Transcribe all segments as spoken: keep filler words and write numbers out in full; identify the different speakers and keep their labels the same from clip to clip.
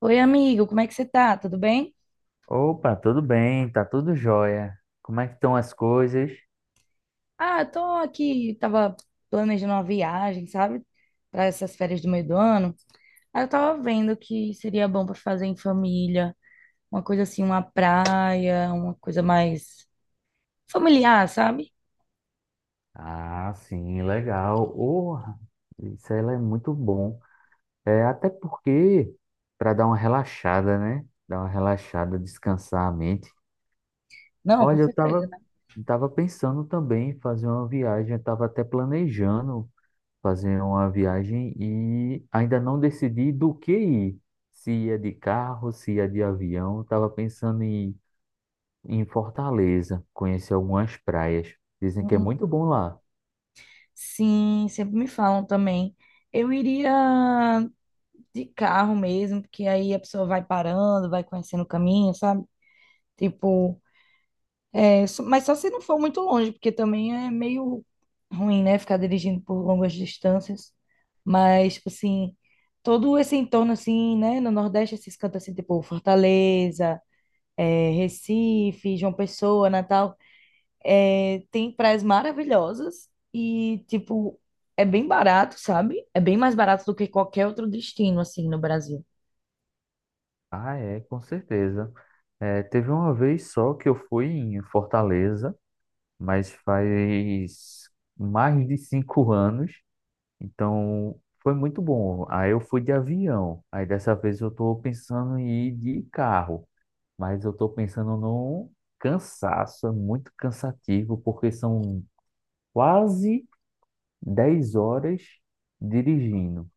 Speaker 1: Oi, amigo, como é que você tá? Tudo bem?
Speaker 2: Opa, tudo bem, tá tudo jóia. Como é que estão as coisas?
Speaker 1: Ah, eu tô aqui, tava planejando uma viagem, sabe? Para essas férias do meio do ano. Aí eu tava vendo que seria bom para fazer em família, uma coisa assim, uma praia, uma coisa mais familiar, sabe?
Speaker 2: Ah, sim, legal. Oh, isso aí é muito bom. É até porque para dar uma relaxada, né? Dar uma relaxada, descansar a mente.
Speaker 1: Não, com
Speaker 2: Olha, eu
Speaker 1: certeza,
Speaker 2: tava
Speaker 1: né?
Speaker 2: tava pensando também em fazer uma viagem, eu tava até planejando fazer uma viagem e ainda não decidi do que ir. Se ia de carro, se ia de avião, eu tava pensando em em Fortaleza, conheci algumas praias. Dizem que é
Speaker 1: Hum,
Speaker 2: muito bom lá.
Speaker 1: sim, sempre me falam também. Eu iria de carro mesmo, porque aí a pessoa vai parando, vai conhecendo o caminho, sabe? Tipo, É só- mas só se não for muito longe, porque também é meio ruim, né? Ficar dirigindo por longas distâncias. Mas, tipo assim, todo esse entorno, assim, né? No Nordeste, esses cantos, assim, tipo Fortaleza, é, Recife, João Pessoa, Natal, é, tem praias maravilhosas e, tipo, é bem barato, sabe? É bem mais barato do que qualquer outro destino, assim, no Brasil.
Speaker 2: Ah, é, com certeza. É, teve uma vez só que eu fui em Fortaleza, mas faz mais de cinco anos, então foi muito bom. Aí eu fui de avião, aí dessa vez eu estou pensando em ir de carro, mas eu estou pensando no cansaço, é muito cansativo, porque são quase dez horas dirigindo.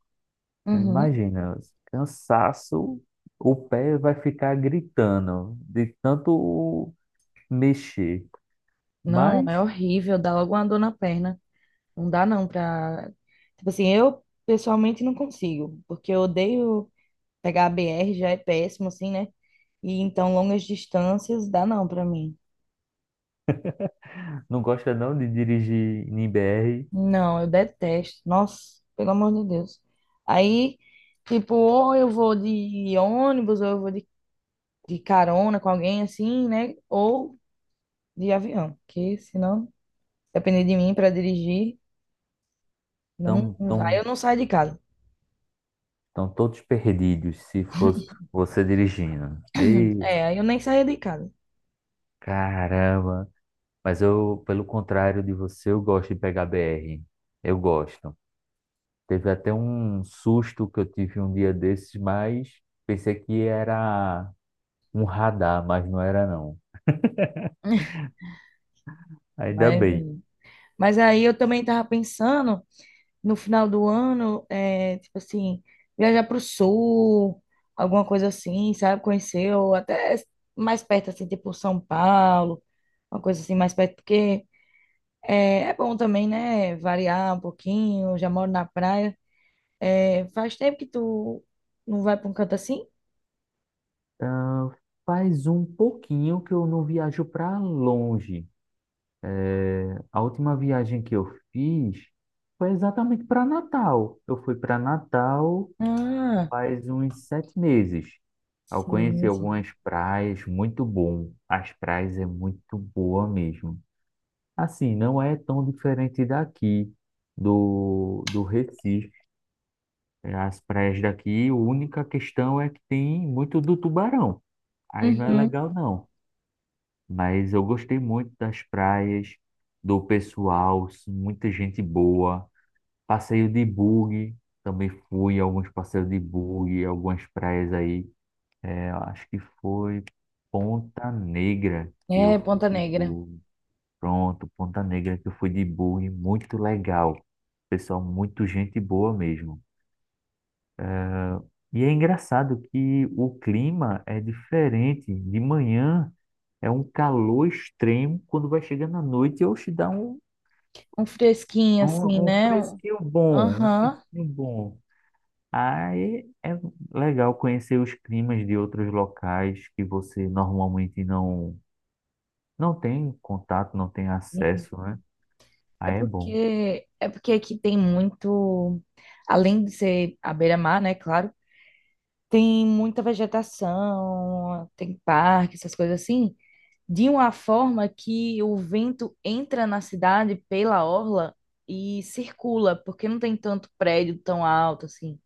Speaker 2: Então,
Speaker 1: Uhum.
Speaker 2: imagina, cansaço, o pé vai ficar gritando de tanto mexer.
Speaker 1: Não,
Speaker 2: Mas
Speaker 1: é horrível, dá logo uma dor na perna. Não dá não pra. Tipo assim, eu pessoalmente não consigo, porque eu odeio pegar a B R, já é péssimo assim, né? E então longas distâncias dá não pra mim.
Speaker 2: não gosta não de dirigir em B R,
Speaker 1: Não, eu detesto. Nossa, pelo amor de Deus. Aí, tipo, ou eu vou de ônibus, ou eu vou de, de carona com alguém assim, né? Ou de avião, que senão, depender de mim para dirigir, não,
Speaker 2: estão
Speaker 1: não vai. Eu
Speaker 2: tão,
Speaker 1: não saio de casa.
Speaker 2: tão tão todos perdidos se fosse você dirigindo. Ei,
Speaker 1: É, aí eu nem saía de casa.
Speaker 2: caramba! Mas eu, pelo contrário de você, eu gosto de pegar B R. Eu gosto. Teve até um susto que eu tive um dia desses, mas pensei que era um radar, mas não era não. Ainda
Speaker 1: Mas,
Speaker 2: bem.
Speaker 1: mas aí eu também tava pensando no final do ano, é, tipo assim, viajar pro sul, alguma coisa assim, sabe? Conhecer, ou até mais perto, assim, tipo São Paulo, uma coisa assim mais perto, porque é, é bom também, né? Variar um pouquinho, já moro na praia. É, faz tempo que tu não vai pra um canto assim?
Speaker 2: Ah, faz um pouquinho que eu não viajo para longe. A última viagem que eu fiz foi exatamente para Natal. Eu fui para Natal
Speaker 1: Ah,
Speaker 2: faz uns sete meses. Eu conheci
Speaker 1: sim, sim.
Speaker 2: algumas praias, muito bom. As praias é muito boa mesmo. Assim, não é tão diferente daqui, do, do Recife. As praias daqui, a única questão é que tem muito do tubarão. Aí não é
Speaker 1: Uhum.
Speaker 2: legal, não. Mas eu gostei muito das praias, do pessoal, muita gente boa. Passeio de bug, também fui alguns passeios de bug, algumas praias aí. É, eu acho que foi Ponta Negra que eu
Speaker 1: É,
Speaker 2: fui
Speaker 1: Ponta
Speaker 2: de
Speaker 1: Negra.
Speaker 2: bug. Pronto, Ponta Negra que eu fui de bug, muito legal. Pessoal, muito gente boa mesmo. E é engraçado que o clima é diferente. De manhã é um calor extremo, quando vai chegando à noite, eu te dá um
Speaker 1: Um fresquinho
Speaker 2: Um,
Speaker 1: assim,
Speaker 2: um
Speaker 1: né? Um-
Speaker 2: fresquinho bom, um
Speaker 1: Aham.
Speaker 2: fresquinho bom. Aí é legal conhecer os climas de outros locais que você normalmente não, não tem contato, não tem acesso, né?
Speaker 1: É
Speaker 2: Aí é bom.
Speaker 1: porque é porque aqui tem muito, além de ser a beira-mar, né, claro, tem muita vegetação, tem parque, essas coisas assim, de uma forma que o vento entra na cidade pela orla e circula, porque não tem tanto prédio tão alto assim.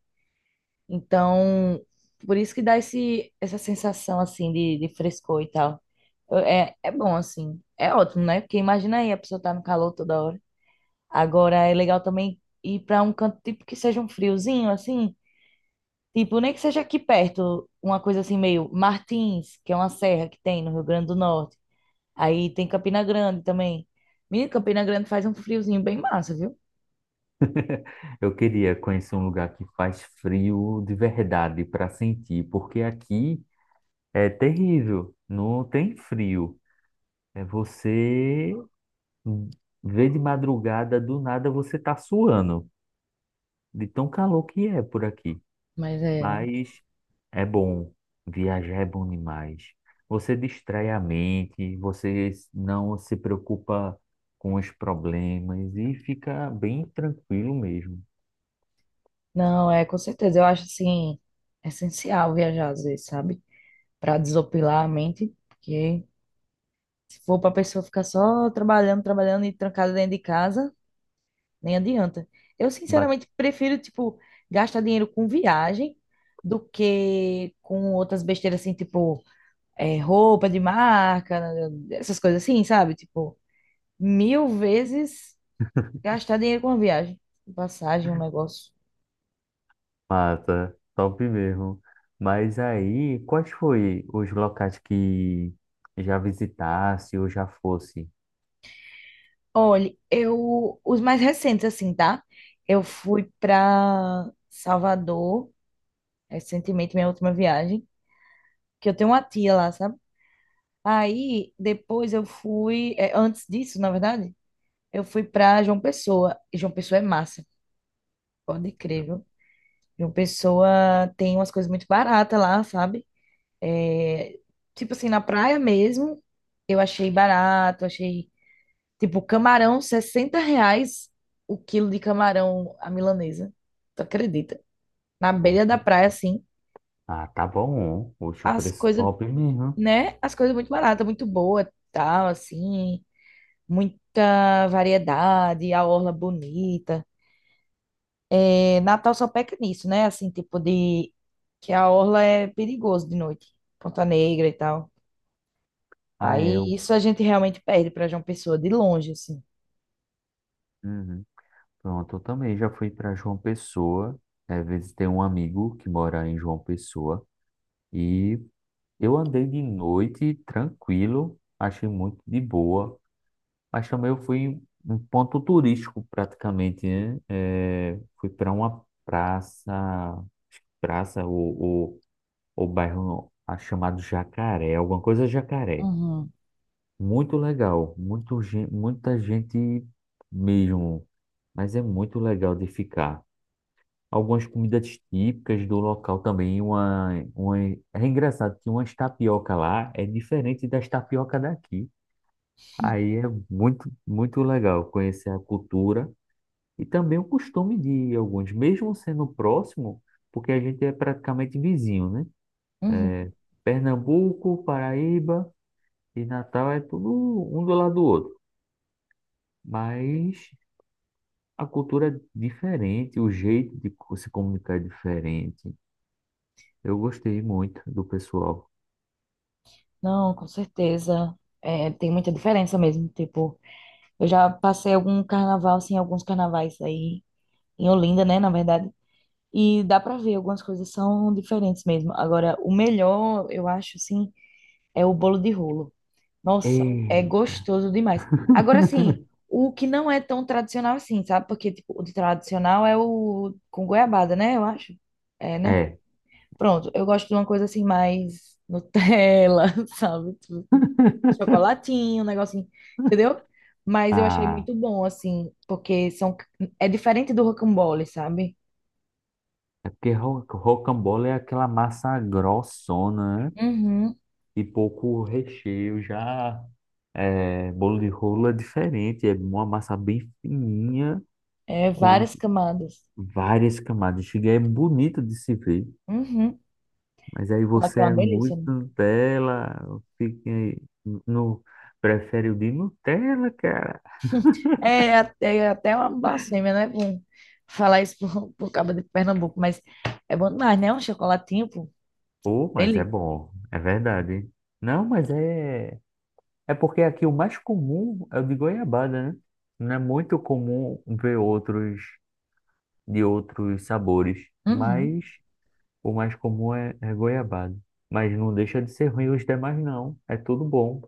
Speaker 1: Então, por isso que dá esse, essa sensação assim de, de frescor e tal. Eu- É, é bom assim, é ótimo, né? Porque imagina aí a pessoa tá no calor toda hora. Agora é legal também ir para um canto tipo que seja um friozinho, assim, tipo, nem que seja aqui perto, uma coisa assim meio Martins, que é uma serra que tem no Rio Grande do Norte. Aí tem Campina Grande também. Menino, Campina Grande faz um friozinho bem massa, viu?
Speaker 2: Eu queria conhecer um lugar que faz frio de verdade para sentir, porque aqui é terrível, não tem frio. É você vê de madrugada, do nada você tá suando, de tão calor que é por aqui.
Speaker 1: Mas é, né?
Speaker 2: Mas é bom. Viajar é bom demais. Você distrai a mente, você não se preocupa com os problemas e fica bem tranquilo mesmo.
Speaker 1: Não, é com certeza, eu acho assim essencial viajar às vezes, sabe? Para desopilar a mente, porque se for para pessoa ficar só trabalhando, trabalhando e trancada dentro de casa, nem adianta. Eu,
Speaker 2: Ba-
Speaker 1: sinceramente, prefiro, tipo, gastar dinheiro com viagem do que com outras besteiras, assim, tipo, é, roupa de marca, né, essas coisas assim, sabe? Tipo, mil vezes gastar dinheiro com uma viagem, passagem, um negócio.
Speaker 2: Mata, top mesmo. Mas aí, quais foi os locais que já visitasse ou já fosse?
Speaker 1: Olha, eu, os mais recentes, assim, tá? Eu fui pra Salvador recentemente, minha última viagem, que eu tenho uma tia lá, sabe? Aí, depois eu fui, é, antes disso, na verdade. Eu fui pra João Pessoa. E João Pessoa é massa, pode crer, viu? João Pessoa tem umas coisas muito baratas lá, sabe? É, tipo assim, na praia mesmo, eu achei barato, achei, tipo, camarão, sessenta reais o quilo de camarão à milanesa. Tu acredita? Na beira da
Speaker 2: Poxa,
Speaker 1: praia, assim,
Speaker 2: ah, tá bom. Poxa, o
Speaker 1: as
Speaker 2: preço
Speaker 1: coisas,
Speaker 2: top mesmo.
Speaker 1: né? As coisas muito baratas, muito boa, tal, assim, muita variedade, a orla bonita. É, Natal só peca nisso, né? Assim, tipo de que a orla é perigoso de noite, Ponta Negra e tal.
Speaker 2: Ah, é.
Speaker 1: Aí
Speaker 2: o-
Speaker 1: isso a gente realmente perde para João Pessoa de longe, assim.
Speaker 2: Uhum. Pronto, eu também já fui para João Pessoa. É, visitei um amigo que mora em João Pessoa. E eu andei de noite tranquilo, achei muito de boa. Mas também eu fui em um ponto turístico praticamente, né? É, fui para uma praça, acho que praça ou, ou, ou bairro ah, chamado Jacaré, alguma coisa Jacaré.
Speaker 1: Uhum.
Speaker 2: Muito legal, muito, gen- muita gente mesmo, mas é muito legal de ficar. Algumas comidas típicas do local também. Uma, uma... É engraçado que umas tapioca lá é diferente das tapioca daqui. Aí é muito, muito legal conhecer a cultura e também o costume de alguns, mesmo sendo próximo, porque a gente é praticamente vizinho, né?
Speaker 1: Uhum.
Speaker 2: É, Pernambuco, Paraíba e Natal é tudo um do lado do outro, mas a cultura é diferente, o jeito de co- se comunicar é diferente. Eu gostei muito do pessoal.
Speaker 1: Não, com certeza. É, tem muita diferença mesmo. Tipo, eu já passei algum carnaval, assim, alguns carnavais aí em Olinda, né, na verdade. E dá pra ver, algumas coisas são diferentes mesmo. Agora, o melhor, eu acho, assim, é o bolo de rolo. Nossa, é
Speaker 2: Ei,
Speaker 1: gostoso demais. Agora, assim, o que não é tão tradicional assim, sabe? Porque, tipo, o de tradicional é o com goiabada, né? Eu acho. É, né?
Speaker 2: é,
Speaker 1: Pronto, eu gosto de uma coisa assim, mais Nutella, sabe? Tipo assim, chocolatinho, um negocinho, entendeu? Mas eu achei
Speaker 2: ah,
Speaker 1: muito bom, assim, porque são, é diferente do rocambole, sabe?
Speaker 2: é porque ro- rocambole é aquela massa grossona, né?
Speaker 1: Uhum.
Speaker 2: E pouco recheio, já é, bolo de rolo é diferente, é uma massa bem fininha,
Speaker 1: É
Speaker 2: com a-
Speaker 1: várias camadas.
Speaker 2: várias camadas. Chega, é bonito de se ver,
Speaker 1: Uhum.
Speaker 2: mas aí
Speaker 1: Fala que
Speaker 2: você
Speaker 1: é
Speaker 2: é
Speaker 1: uma delícia,
Speaker 2: muito
Speaker 1: né?
Speaker 2: Nutella, fica aí no, prefere o de Nutella, cara.
Speaker 1: É até, é até uma blasfêmia, né? Bom, falar isso por, por causa de Pernambuco, mas é bom demais, né? Um chocolatinho, pô,
Speaker 2: Pô, mas é
Speaker 1: dele.
Speaker 2: bom, é verdade. Não, mas é. É porque aqui o mais comum é o de goiabada, né? Não é muito comum ver outros de outros sabores,
Speaker 1: Uhum.
Speaker 2: mas o mais comum é, é goiabada. Mas não deixa de ser ruim os demais, não. É tudo bom.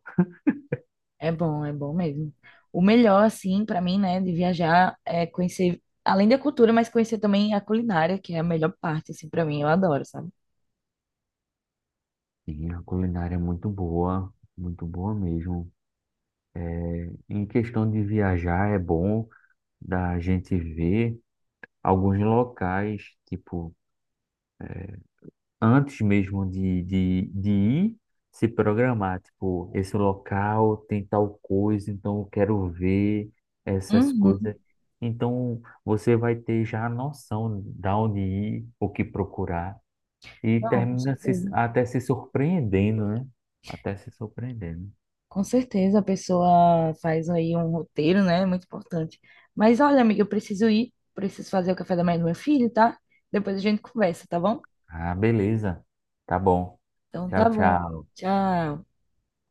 Speaker 1: É bom, é bom mesmo. O melhor, assim, pra mim, né, de viajar é conhecer, além da cultura, mas conhecer também a culinária, que é a melhor parte, assim, pra mim, eu adoro, sabe?
Speaker 2: E a culinária é muito boa, muito boa mesmo. É, em questão de viajar, é bom da gente ver alguns locais, tipo antes mesmo de, de, de ir, se programar, tipo, esse local tem tal coisa, então eu quero ver essas
Speaker 1: Uhum.
Speaker 2: coisas. Então você vai ter já a noção de onde ir, o que procurar, e
Speaker 1: Não, com
Speaker 2: termina se,
Speaker 1: certeza.
Speaker 2: até se surpreendendo, né? Até se surpreendendo.
Speaker 1: Com certeza a pessoa faz aí um roteiro, né? É muito importante. Mas olha, amiga, eu preciso ir, preciso fazer o café da manhã do meu filho, tá? Depois a gente conversa, tá bom?
Speaker 2: Ah, beleza. Tá bom.
Speaker 1: Então
Speaker 2: Tchau,
Speaker 1: tá bom.
Speaker 2: tchau.
Speaker 1: Tchau.